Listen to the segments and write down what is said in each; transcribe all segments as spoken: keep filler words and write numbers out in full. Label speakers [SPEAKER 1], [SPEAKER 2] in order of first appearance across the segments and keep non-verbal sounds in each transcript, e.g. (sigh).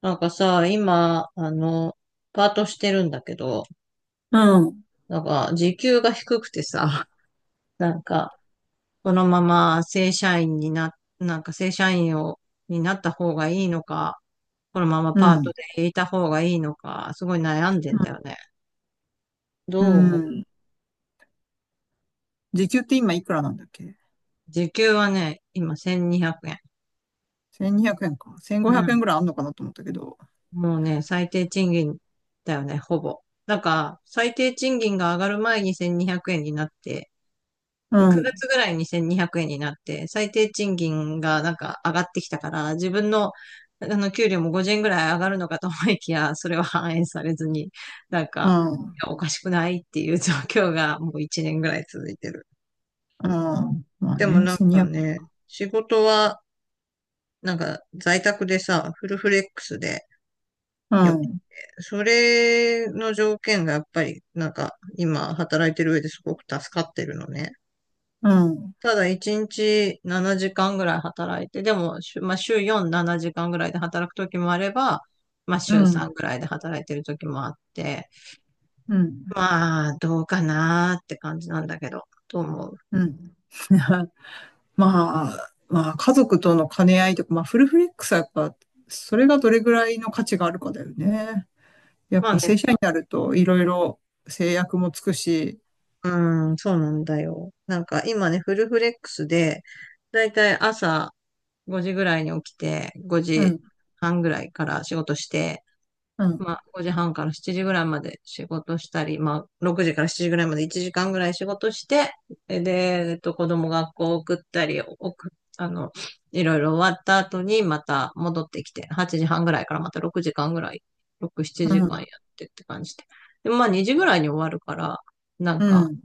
[SPEAKER 1] なんかさ、今、あの、パートしてるんだけど、
[SPEAKER 2] うん。
[SPEAKER 1] なんか、時給が低くてさ、(laughs) なんか、このまま正社員にな、なんか正社員を、になった方がいいのか、このまま
[SPEAKER 2] う
[SPEAKER 1] パート
[SPEAKER 2] ん。
[SPEAKER 1] でいた方がいいのか、すごい悩んで
[SPEAKER 2] うん。
[SPEAKER 1] んだよね。
[SPEAKER 2] う
[SPEAKER 1] どう思
[SPEAKER 2] ん。
[SPEAKER 1] う？
[SPEAKER 2] 時給って今いくらなんだっけ？
[SPEAKER 1] 時給はね、今せんにひゃくえん。
[SPEAKER 2] せんにひゃく 円か。1500
[SPEAKER 1] うん。
[SPEAKER 2] 円ぐらいあんのかなと思ったけど。
[SPEAKER 1] もうね、最低賃金だよね、ほぼ。だから、最低賃金が上がる前にせんにひゃくえんにひゃくえんになって、
[SPEAKER 2] う
[SPEAKER 1] 9
[SPEAKER 2] ん。
[SPEAKER 1] 月ぐらいにに ぜろ ぜろえんになって、最低賃金がなんか上がってきたから、自分の、あの、給料もごじゅうえんぐらい上がるのかと思いきや、それは反映されずに、なん
[SPEAKER 2] う
[SPEAKER 1] か、
[SPEAKER 2] ん。うん。
[SPEAKER 1] いやおかしくないっていう状況がもういちねんぐらい続いてる。
[SPEAKER 2] まあ
[SPEAKER 1] でも
[SPEAKER 2] ね、
[SPEAKER 1] なんか
[SPEAKER 2] せんにひゃく。
[SPEAKER 1] ね、仕事は、なんか在宅でさ、フルフレックスで
[SPEAKER 2] う
[SPEAKER 1] よくて、
[SPEAKER 2] ん。
[SPEAKER 1] それの条件がやっぱり、なんか今働いてる上ですごく助かってるのね。
[SPEAKER 2] うん。
[SPEAKER 1] ただ一日ななじかんぐらい働いて、でも、週まあ、週よん、ななじかんぐらいで働く時もあれば、まあ、
[SPEAKER 2] う
[SPEAKER 1] 週
[SPEAKER 2] ん。
[SPEAKER 1] さんぐらいで働いてる時もあって、
[SPEAKER 2] うん。
[SPEAKER 1] まあ、どうかなーって感じなんだけど、と思う。
[SPEAKER 2] うん。まあ、まあ、家族との兼ね合いとか、まあ、フルフレックスはやっぱ、それがどれぐらいの価値があるかだよね。やっ
[SPEAKER 1] まあ
[SPEAKER 2] ぱ
[SPEAKER 1] ね、
[SPEAKER 2] 正社員になると、いろいろ制約もつくし、
[SPEAKER 1] うん、そうなんだよ。なんか今ね、フルフレックスで、だいたい朝ごじぐらいに起きて、
[SPEAKER 2] う
[SPEAKER 1] 5
[SPEAKER 2] ん、
[SPEAKER 1] 時半ぐらいから仕事して、
[SPEAKER 2] う
[SPEAKER 1] ま
[SPEAKER 2] ん、
[SPEAKER 1] あ、ごじはんからしちじぐらいまで仕事したり、まあ、ろくじからしちじぐらいまでいちじかんぐらい仕事して、で、でえっと、子供学校送ったり、送っあの、いろいろ終わった後にまた戻ってきて、はちじはんぐらいからまたろくじかんぐらい、ろく、7
[SPEAKER 2] うん、
[SPEAKER 1] 時間やってって感じで。で、まあにじぐらいに終わるから、なん
[SPEAKER 2] う
[SPEAKER 1] か
[SPEAKER 2] ん。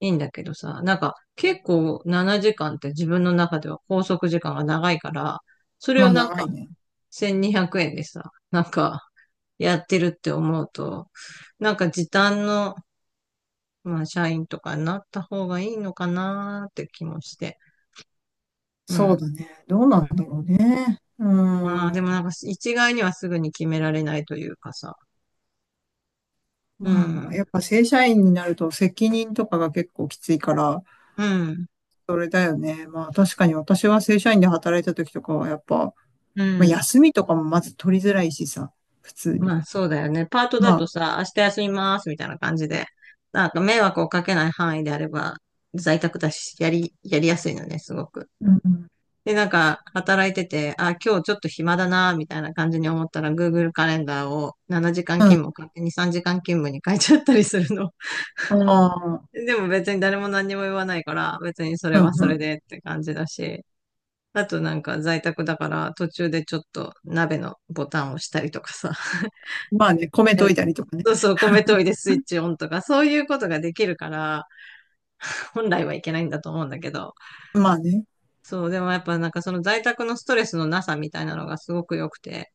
[SPEAKER 1] いいんだけどさ、なんか結構ななじかんって自分の中では拘束時間が長いから、それ
[SPEAKER 2] ま
[SPEAKER 1] を
[SPEAKER 2] あ、
[SPEAKER 1] なん
[SPEAKER 2] 長い
[SPEAKER 1] か
[SPEAKER 2] ね。
[SPEAKER 1] せんにひゃくえんでさ、なんかやってるって思うと、なんか時短の、まあ、社員とかになった方がいいのかなーって気もして。う
[SPEAKER 2] そう
[SPEAKER 1] ん。
[SPEAKER 2] だね。どうなんだろうね。う
[SPEAKER 1] まあ、でも
[SPEAKER 2] ん。
[SPEAKER 1] なんか一概にはすぐに決められないというかさ。う
[SPEAKER 2] まあ、
[SPEAKER 1] ん。
[SPEAKER 2] やっぱ正社員になると責任とかが結構きついから、
[SPEAKER 1] うん。
[SPEAKER 2] それだよね。まあ確かに私は正社員で働いた時とかはやっぱ、
[SPEAKER 1] う
[SPEAKER 2] まあ、
[SPEAKER 1] ん。
[SPEAKER 2] 休みとかもまず取りづらいしさ、普通に。
[SPEAKER 1] まあ、そうだよね。パート
[SPEAKER 2] ま
[SPEAKER 1] だ
[SPEAKER 2] あ、
[SPEAKER 1] とさ、明日休みますみたいな感じで、なんか迷惑をかけない範囲であれば、在宅だし、やり、やりやすいのね、すごく。
[SPEAKER 2] うん。
[SPEAKER 1] で、なんか、働いてて、あ、今日ちょっと暇だな、みたいな感じに思ったら、グーグル カレンダーをななじかん
[SPEAKER 2] うん。
[SPEAKER 1] 勤務を勝手にさんじかん勤務に変えちゃったりするの。
[SPEAKER 2] ああ、
[SPEAKER 1] (laughs) でも別に誰も何にも言わないから、別にそれ
[SPEAKER 2] う
[SPEAKER 1] は
[SPEAKER 2] ん
[SPEAKER 1] そ
[SPEAKER 2] う
[SPEAKER 1] れ
[SPEAKER 2] ん。
[SPEAKER 1] でって感じだし、あとなんか在宅だから途中でちょっと鍋のボタンを押したりとかさ、(laughs)
[SPEAKER 2] まあね、米と
[SPEAKER 1] え
[SPEAKER 2] いたりとかね。
[SPEAKER 1] そうそう、米研いでスイッチオンとか、そういうことができるから、本来はいけないんだと思うんだけど、
[SPEAKER 2] まあね。
[SPEAKER 1] そう、でもやっぱなんかその在宅のストレスのなさみたいなのがすごく良くて、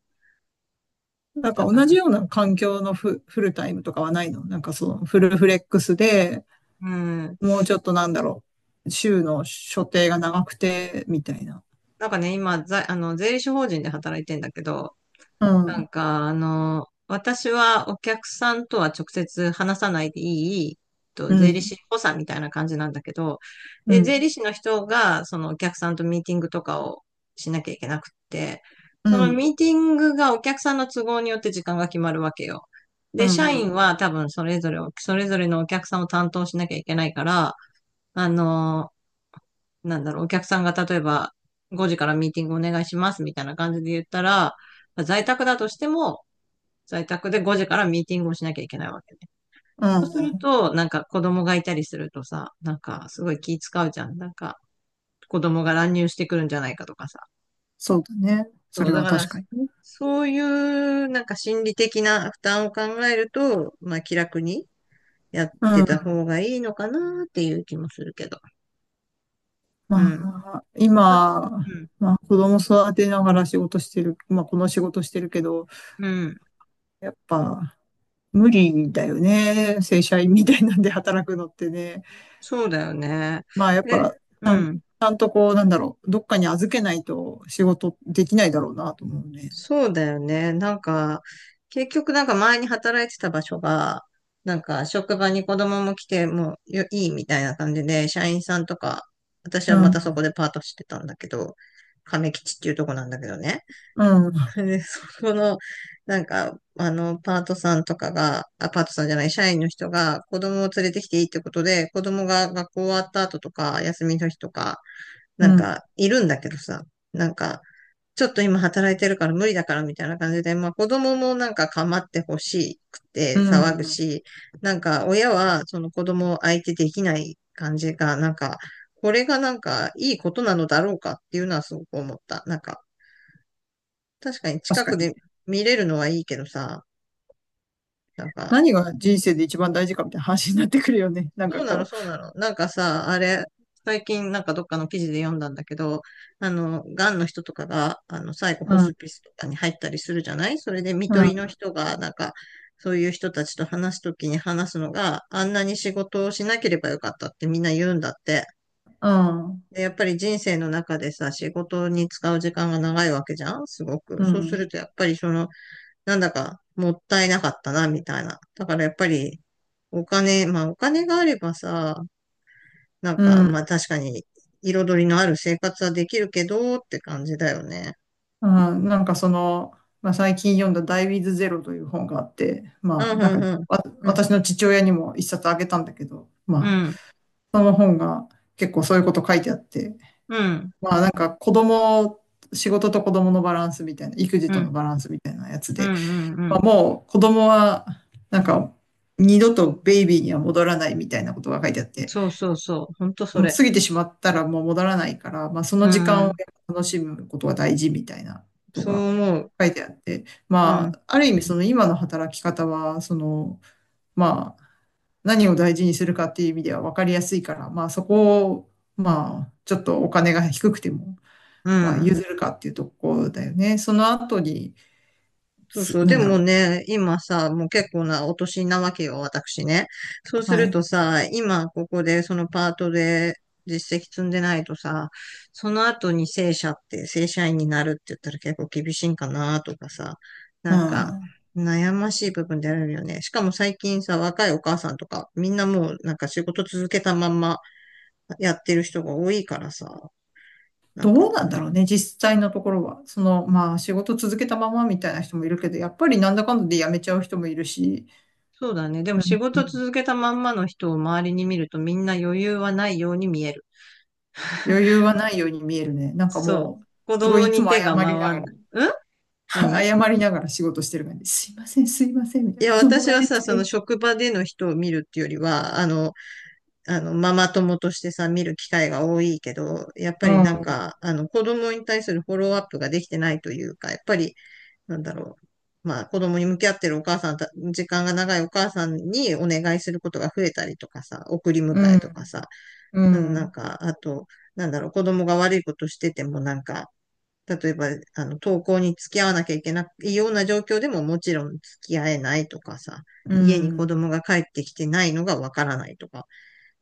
[SPEAKER 2] なん
[SPEAKER 1] だ
[SPEAKER 2] か
[SPEAKER 1] か
[SPEAKER 2] 同じ
[SPEAKER 1] ら
[SPEAKER 2] ような環境のフ、フルタイムとかはないのなんかそのフルフレックスで、
[SPEAKER 1] うん。
[SPEAKER 2] もうちょっとなんだろう、週の所定が長くて、みたいな。
[SPEAKER 1] なんかね、今、ざ、あの、税理士法人で働いてんだけど、
[SPEAKER 2] う
[SPEAKER 1] な
[SPEAKER 2] ん、
[SPEAKER 1] んか、あの、私はお客さんとは直接話さないでいい、
[SPEAKER 2] う
[SPEAKER 1] と、税理
[SPEAKER 2] ん、
[SPEAKER 1] 士補佐みたいな感じなんだけど、
[SPEAKER 2] う
[SPEAKER 1] で、税
[SPEAKER 2] ん、
[SPEAKER 1] 理士の人が、そのお客さんとミーティングとかをしなきゃいけなくって、
[SPEAKER 2] うん、
[SPEAKER 1] そ
[SPEAKER 2] う
[SPEAKER 1] の
[SPEAKER 2] ん、
[SPEAKER 1] ミーティングがお客さんの都合によって時間が決まるわけよ。
[SPEAKER 2] う
[SPEAKER 1] で、社員
[SPEAKER 2] ん、
[SPEAKER 1] は多分それぞれを、それぞれのお客さんを担当しなきゃいけないから、あの、なんだろう、お客さんが例えばごじからミーティングお願いしますみたいな感じで言ったら、在宅だとしても、在宅でごじからミーティングをしなきゃいけないわけね。
[SPEAKER 2] う
[SPEAKER 1] そう
[SPEAKER 2] ん、
[SPEAKER 1] す
[SPEAKER 2] う
[SPEAKER 1] る
[SPEAKER 2] ん。
[SPEAKER 1] と、なんか子供がいたりするとさ、なんかすごい気使うじゃん。なんか子供が乱入してくるんじゃないかとかさ。
[SPEAKER 2] そうだね。そ
[SPEAKER 1] そう、
[SPEAKER 2] れ
[SPEAKER 1] だ
[SPEAKER 2] は
[SPEAKER 1] から、
[SPEAKER 2] 確かにね。
[SPEAKER 1] そういうなんか心理的な負担を考えると、まあ気楽にやっ
[SPEAKER 2] う
[SPEAKER 1] てた
[SPEAKER 2] ん。
[SPEAKER 1] 方がいいのかなっていう気もするけど。
[SPEAKER 2] ま
[SPEAKER 1] うん。
[SPEAKER 2] あ、
[SPEAKER 1] だ
[SPEAKER 2] 今、
[SPEAKER 1] うん。
[SPEAKER 2] まあ、子供育てながら仕事してる、まあ、この仕事してるけど、
[SPEAKER 1] うん。
[SPEAKER 2] やっぱ、無理だよね。正社員みたいなんで働くのってね。
[SPEAKER 1] そうだよね。
[SPEAKER 2] まあ、やっ
[SPEAKER 1] で、
[SPEAKER 2] ぱ、ち
[SPEAKER 1] う
[SPEAKER 2] ゃん、ち
[SPEAKER 1] ん。
[SPEAKER 2] ゃんとこう、なんだろう、どっかに預けないと仕事できないだろうなと思うね。
[SPEAKER 1] そうだよね。なんか、結局なんか前に働いてた場所が、なんか職場に子供も来てもうよいいみたいな感じで、社員さんとか、私
[SPEAKER 2] う
[SPEAKER 1] はまたそこ
[SPEAKER 2] ん、
[SPEAKER 1] でパートしてたんだけど、亀吉っていうとこなんだけどね。
[SPEAKER 2] うん。
[SPEAKER 1] で、そこの、なんか、あの、パートさんとかが、あ、パートさんじゃない、社員の人が子供を連れてきていいってことで、子供が学校終わった後とか、休みの日とか、
[SPEAKER 2] う
[SPEAKER 1] なん
[SPEAKER 2] ん。
[SPEAKER 1] か、いるんだけどさ、なんか、ちょっと今働いてるから無理だからみたいな感じで、まあ子供もなんか構ってほしく
[SPEAKER 2] う
[SPEAKER 1] て騒ぐ
[SPEAKER 2] ん。
[SPEAKER 1] し、なんか親はその子供を相手できない感じが、なんか、これがなんかいいことなのだろうかっていうのはすごく思った。なんか、確かに
[SPEAKER 2] 確
[SPEAKER 1] 近
[SPEAKER 2] か
[SPEAKER 1] く
[SPEAKER 2] に。
[SPEAKER 1] で見れるのはいいけどさ、なんか
[SPEAKER 2] 何が人生で一番大事かみたいな話になってくるよね。(laughs) なんか
[SPEAKER 1] そうなの、
[SPEAKER 2] こ
[SPEAKER 1] そうなの。なんかさ、あれ、最近なんかどっかの記事で読んだんだけど、あの、がんの人とかが、あの、最後
[SPEAKER 2] う。
[SPEAKER 1] ホ
[SPEAKER 2] うん。
[SPEAKER 1] スピスとかに入ったりするじゃないそれで、看
[SPEAKER 2] う
[SPEAKER 1] 取りの
[SPEAKER 2] ん。
[SPEAKER 1] 人が、なんか、そういう人たちと話すときに話すのが、あんなに仕事をしなければよかったってみんな言うんだって。
[SPEAKER 2] うん。
[SPEAKER 1] で、やっぱり人生の中でさ、仕事に使う時間が長いわけじゃんすご
[SPEAKER 2] う
[SPEAKER 1] く。そうす
[SPEAKER 2] ん。
[SPEAKER 1] ると、やっぱりその、なんだか、もったいなかったな、みたいな。だからやっぱり、お金、まあお金があればさ、なんか、
[SPEAKER 2] うん。
[SPEAKER 1] まあ確かに、彩りのある生活はできるけど、って感じだよね。
[SPEAKER 2] うん。なんかその、まあ、最近読んだダイ・ウィズ・ゼロという本があって、まあ
[SPEAKER 1] うん、
[SPEAKER 2] なん
[SPEAKER 1] う
[SPEAKER 2] か
[SPEAKER 1] ん、
[SPEAKER 2] わ
[SPEAKER 1] うん。
[SPEAKER 2] 私の父親にも一冊あげたんだけど、
[SPEAKER 1] う
[SPEAKER 2] まあ
[SPEAKER 1] ん、
[SPEAKER 2] その本が結構そういうこと書いてあって、
[SPEAKER 1] うん、
[SPEAKER 2] まあなんか子供、仕事と子供のバランスみたいな、育児
[SPEAKER 1] うん、う
[SPEAKER 2] と
[SPEAKER 1] ん、
[SPEAKER 2] のバランスみたいなやつ
[SPEAKER 1] うん、
[SPEAKER 2] で、
[SPEAKER 1] うん。う
[SPEAKER 2] まあ
[SPEAKER 1] ん
[SPEAKER 2] もう子供は、なんか、二度とベイビーには戻らないみたいなことが書いてあって、
[SPEAKER 1] そうそうそう。ほんとそ
[SPEAKER 2] もう
[SPEAKER 1] れ。
[SPEAKER 2] 過ぎてしまったらもう戻らないから、まあその
[SPEAKER 1] う
[SPEAKER 2] 時間を
[SPEAKER 1] ん。
[SPEAKER 2] 楽しむことが大事みたいなこと
[SPEAKER 1] そう
[SPEAKER 2] が
[SPEAKER 1] 思う。
[SPEAKER 2] 書いてあって、
[SPEAKER 1] う
[SPEAKER 2] ま
[SPEAKER 1] ん、
[SPEAKER 2] あ、ある意味その今の働き方は、その、まあ、何を大事にするかっていう意味では分かりやすいから、まあそこを、まあ、ちょっとお金が低くても、
[SPEAKER 1] う
[SPEAKER 2] まあ
[SPEAKER 1] ん。
[SPEAKER 2] 譲るかっていうところだよね。その後に、
[SPEAKER 1] そうそ
[SPEAKER 2] す
[SPEAKER 1] う。
[SPEAKER 2] な
[SPEAKER 1] で
[SPEAKER 2] んだ
[SPEAKER 1] も
[SPEAKER 2] ろ
[SPEAKER 1] ね、今さ、もう結構なお年なわけよ、私ね。そう
[SPEAKER 2] う。
[SPEAKER 1] す
[SPEAKER 2] は
[SPEAKER 1] る
[SPEAKER 2] い。
[SPEAKER 1] とさ、今ここでそのパートで実績積んでないとさ、その後に正社って、正社員になるって言ったら結構厳しいんかなとかさ、
[SPEAKER 2] う
[SPEAKER 1] なんか
[SPEAKER 2] ん。
[SPEAKER 1] 悩ましい部分であるよね。しかも最近さ、若いお母さんとか、みんなもうなんか仕事続けたまんまやってる人が多いからさ、なん
[SPEAKER 2] どう
[SPEAKER 1] か
[SPEAKER 2] なんだろうね、実際のところは。その、まあ、仕事続けたままみたいな人もいるけど、やっぱりなんだかんだで辞めちゃう人もいるし、
[SPEAKER 1] そうだね。でも仕
[SPEAKER 2] う
[SPEAKER 1] 事
[SPEAKER 2] ん。
[SPEAKER 1] 続けたまんまの人を周りに見るとみんな余裕はないように見える。
[SPEAKER 2] 余裕はないように見えるね。なんか
[SPEAKER 1] そう。
[SPEAKER 2] もう、
[SPEAKER 1] 子
[SPEAKER 2] すご
[SPEAKER 1] 供
[SPEAKER 2] いいつ
[SPEAKER 1] に
[SPEAKER 2] も
[SPEAKER 1] 手
[SPEAKER 2] 謝
[SPEAKER 1] が
[SPEAKER 2] りな
[SPEAKER 1] 回
[SPEAKER 2] が
[SPEAKER 1] ん
[SPEAKER 2] ら、
[SPEAKER 1] ない。ん
[SPEAKER 2] (laughs)
[SPEAKER 1] 何
[SPEAKER 2] 謝りながら仕事してる感じ。すいません、すいません、みた
[SPEAKER 1] い
[SPEAKER 2] いな。
[SPEAKER 1] や、
[SPEAKER 2] 子供
[SPEAKER 1] 私
[SPEAKER 2] が
[SPEAKER 1] は
[SPEAKER 2] で
[SPEAKER 1] さ、
[SPEAKER 2] き
[SPEAKER 1] その
[SPEAKER 2] て。
[SPEAKER 1] 職場での人を見るっていうよりは、あの、あの、ママ友としてさ、見る機会が多いけど、やっぱ
[SPEAKER 2] う
[SPEAKER 1] りなん
[SPEAKER 2] ん、
[SPEAKER 1] か、あの、子供に対するフォローアップができてないというか、やっぱり、なんだろう。まあ、子供に向き合ってるお母さんた、時間が長いお母さんにお願いすることが増えたりとかさ、送り迎
[SPEAKER 2] う
[SPEAKER 1] え
[SPEAKER 2] ん、
[SPEAKER 1] とかさ、
[SPEAKER 2] う
[SPEAKER 1] うんなん
[SPEAKER 2] ん、
[SPEAKER 1] か、あと、なんだろう、子供が悪いことしててもなんか、例えば、あの、登校に付き合わなきゃいけないような状況でももちろん付き合えないとかさ、
[SPEAKER 2] う
[SPEAKER 1] 家に子
[SPEAKER 2] ん、
[SPEAKER 1] 供が帰ってきてないのがわからないとか、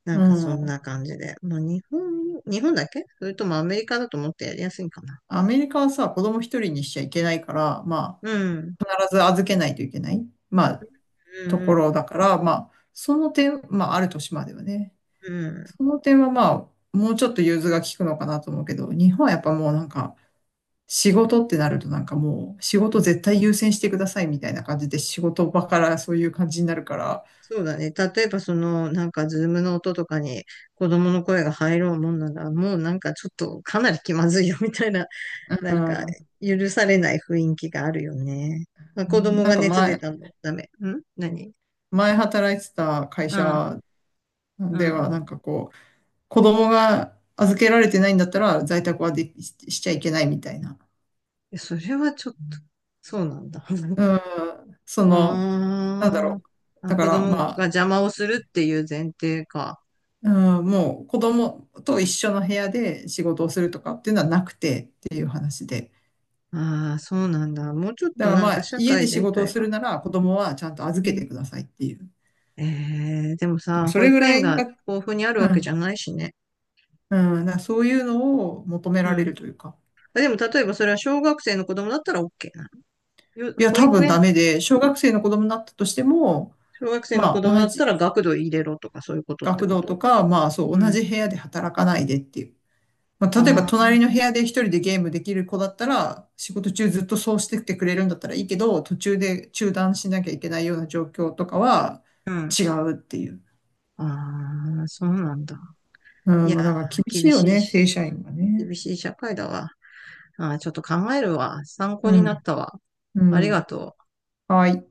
[SPEAKER 1] な
[SPEAKER 2] う
[SPEAKER 1] んかそん
[SPEAKER 2] ん。
[SPEAKER 1] な感じで。まあ日本、日本だっけそれともアメリカだと思ってやりやすいんかな。
[SPEAKER 2] アメリカはさ、子供一人にしちゃいけないから、ま
[SPEAKER 1] うん、
[SPEAKER 2] あ、必ず預けないといけない、まあ、
[SPEAKER 1] う
[SPEAKER 2] とこ
[SPEAKER 1] ん、
[SPEAKER 2] ろだから、まあ、その点、まあ、ある年まではね。
[SPEAKER 1] うん。
[SPEAKER 2] その点はまあ、もうちょっと融通が利くのかなと思うけど、日本はやっぱもうなんか、仕事ってなるとなんかもう、仕事絶対優先してくださいみたいな感じで、仕事場からそういう感じになるから、
[SPEAKER 1] そうだね。例えばその、なんかズームの音とかに子供の声が入ろうもんなら、もうなんかちょっとかなり気まずいよみたいなな
[SPEAKER 2] う
[SPEAKER 1] んか、
[SPEAKER 2] ん、
[SPEAKER 1] 許されない雰囲気があるよね。まあ、子供
[SPEAKER 2] な
[SPEAKER 1] が
[SPEAKER 2] んか
[SPEAKER 1] 熱出
[SPEAKER 2] 前、
[SPEAKER 1] たのダメ。ん何
[SPEAKER 2] 前働いてた会
[SPEAKER 1] うん、
[SPEAKER 2] 社
[SPEAKER 1] う
[SPEAKER 2] では
[SPEAKER 1] ん。
[SPEAKER 2] なんかこう、子供が預けられてないんだったら在宅はできししちゃいけないみたいな。
[SPEAKER 1] えそれはちょっと、そうなんだ。
[SPEAKER 2] うん、そ
[SPEAKER 1] (laughs)
[SPEAKER 2] の、なんだろ
[SPEAKER 1] あー
[SPEAKER 2] う。
[SPEAKER 1] あ、
[SPEAKER 2] だか
[SPEAKER 1] 子
[SPEAKER 2] らま
[SPEAKER 1] 供が
[SPEAKER 2] あ、
[SPEAKER 1] 邪魔をするっていう前提か。
[SPEAKER 2] うん、もう子供と一緒の部屋で仕事をするとかっていうのはなくてっていう話で。
[SPEAKER 1] ああ、そうなんだ。もうちょっ
[SPEAKER 2] だ
[SPEAKER 1] と
[SPEAKER 2] から
[SPEAKER 1] なん
[SPEAKER 2] ま
[SPEAKER 1] か
[SPEAKER 2] あ
[SPEAKER 1] 社
[SPEAKER 2] 家
[SPEAKER 1] 会
[SPEAKER 2] で仕
[SPEAKER 1] 全
[SPEAKER 2] 事を
[SPEAKER 1] 体
[SPEAKER 2] す
[SPEAKER 1] が。
[SPEAKER 2] るなら子供はちゃんと預
[SPEAKER 1] う
[SPEAKER 2] け
[SPEAKER 1] ん、
[SPEAKER 2] てくださいっていう。
[SPEAKER 1] えー、でもさ、
[SPEAKER 2] そ
[SPEAKER 1] 保
[SPEAKER 2] れぐ
[SPEAKER 1] 育
[SPEAKER 2] ら
[SPEAKER 1] 園
[SPEAKER 2] い
[SPEAKER 1] が
[SPEAKER 2] が、
[SPEAKER 1] 豊富にある
[SPEAKER 2] う
[SPEAKER 1] わけじ
[SPEAKER 2] ん、
[SPEAKER 1] ゃないしね。
[SPEAKER 2] うん、だからそういうのを求め
[SPEAKER 1] う
[SPEAKER 2] られ
[SPEAKER 1] ん。
[SPEAKER 2] るというか。
[SPEAKER 1] でも例えばそれは小学生の子供だったら オーケー なの？よ
[SPEAKER 2] いや、
[SPEAKER 1] 保
[SPEAKER 2] 多
[SPEAKER 1] 育
[SPEAKER 2] 分ダ
[SPEAKER 1] 園
[SPEAKER 2] メで、小学生の子供になったとしても、
[SPEAKER 1] 小学生の
[SPEAKER 2] ま
[SPEAKER 1] 子
[SPEAKER 2] あ
[SPEAKER 1] 供だ
[SPEAKER 2] 同
[SPEAKER 1] った
[SPEAKER 2] じ
[SPEAKER 1] ら学童入れろとかそういうことって
[SPEAKER 2] 学
[SPEAKER 1] こ
[SPEAKER 2] 童
[SPEAKER 1] と？
[SPEAKER 2] とか、まあそう
[SPEAKER 1] う
[SPEAKER 2] 同
[SPEAKER 1] ん。
[SPEAKER 2] じ部屋で働かないでっていう。まあ、例えば
[SPEAKER 1] ああ、
[SPEAKER 2] 隣の部屋で一人でゲームできる子だったら、仕事中ずっとそうしててくれるんだったらいいけど、途中で中断しなきゃいけないような状況とかは
[SPEAKER 1] うん。
[SPEAKER 2] 違うっていう。
[SPEAKER 1] ああ、そうなんだ。
[SPEAKER 2] う
[SPEAKER 1] い
[SPEAKER 2] ん、
[SPEAKER 1] や
[SPEAKER 2] まあだから厳
[SPEAKER 1] ー、
[SPEAKER 2] しい
[SPEAKER 1] 厳
[SPEAKER 2] よ
[SPEAKER 1] しい
[SPEAKER 2] ね、
[SPEAKER 1] し、
[SPEAKER 2] 正社員は
[SPEAKER 1] 厳
[SPEAKER 2] ね。
[SPEAKER 1] しい社会だわ。ああ、ちょっと考えるわ。参考
[SPEAKER 2] う
[SPEAKER 1] にな
[SPEAKER 2] ん、
[SPEAKER 1] ったわ。
[SPEAKER 2] う
[SPEAKER 1] あり
[SPEAKER 2] ん、
[SPEAKER 1] がとう。
[SPEAKER 2] はい。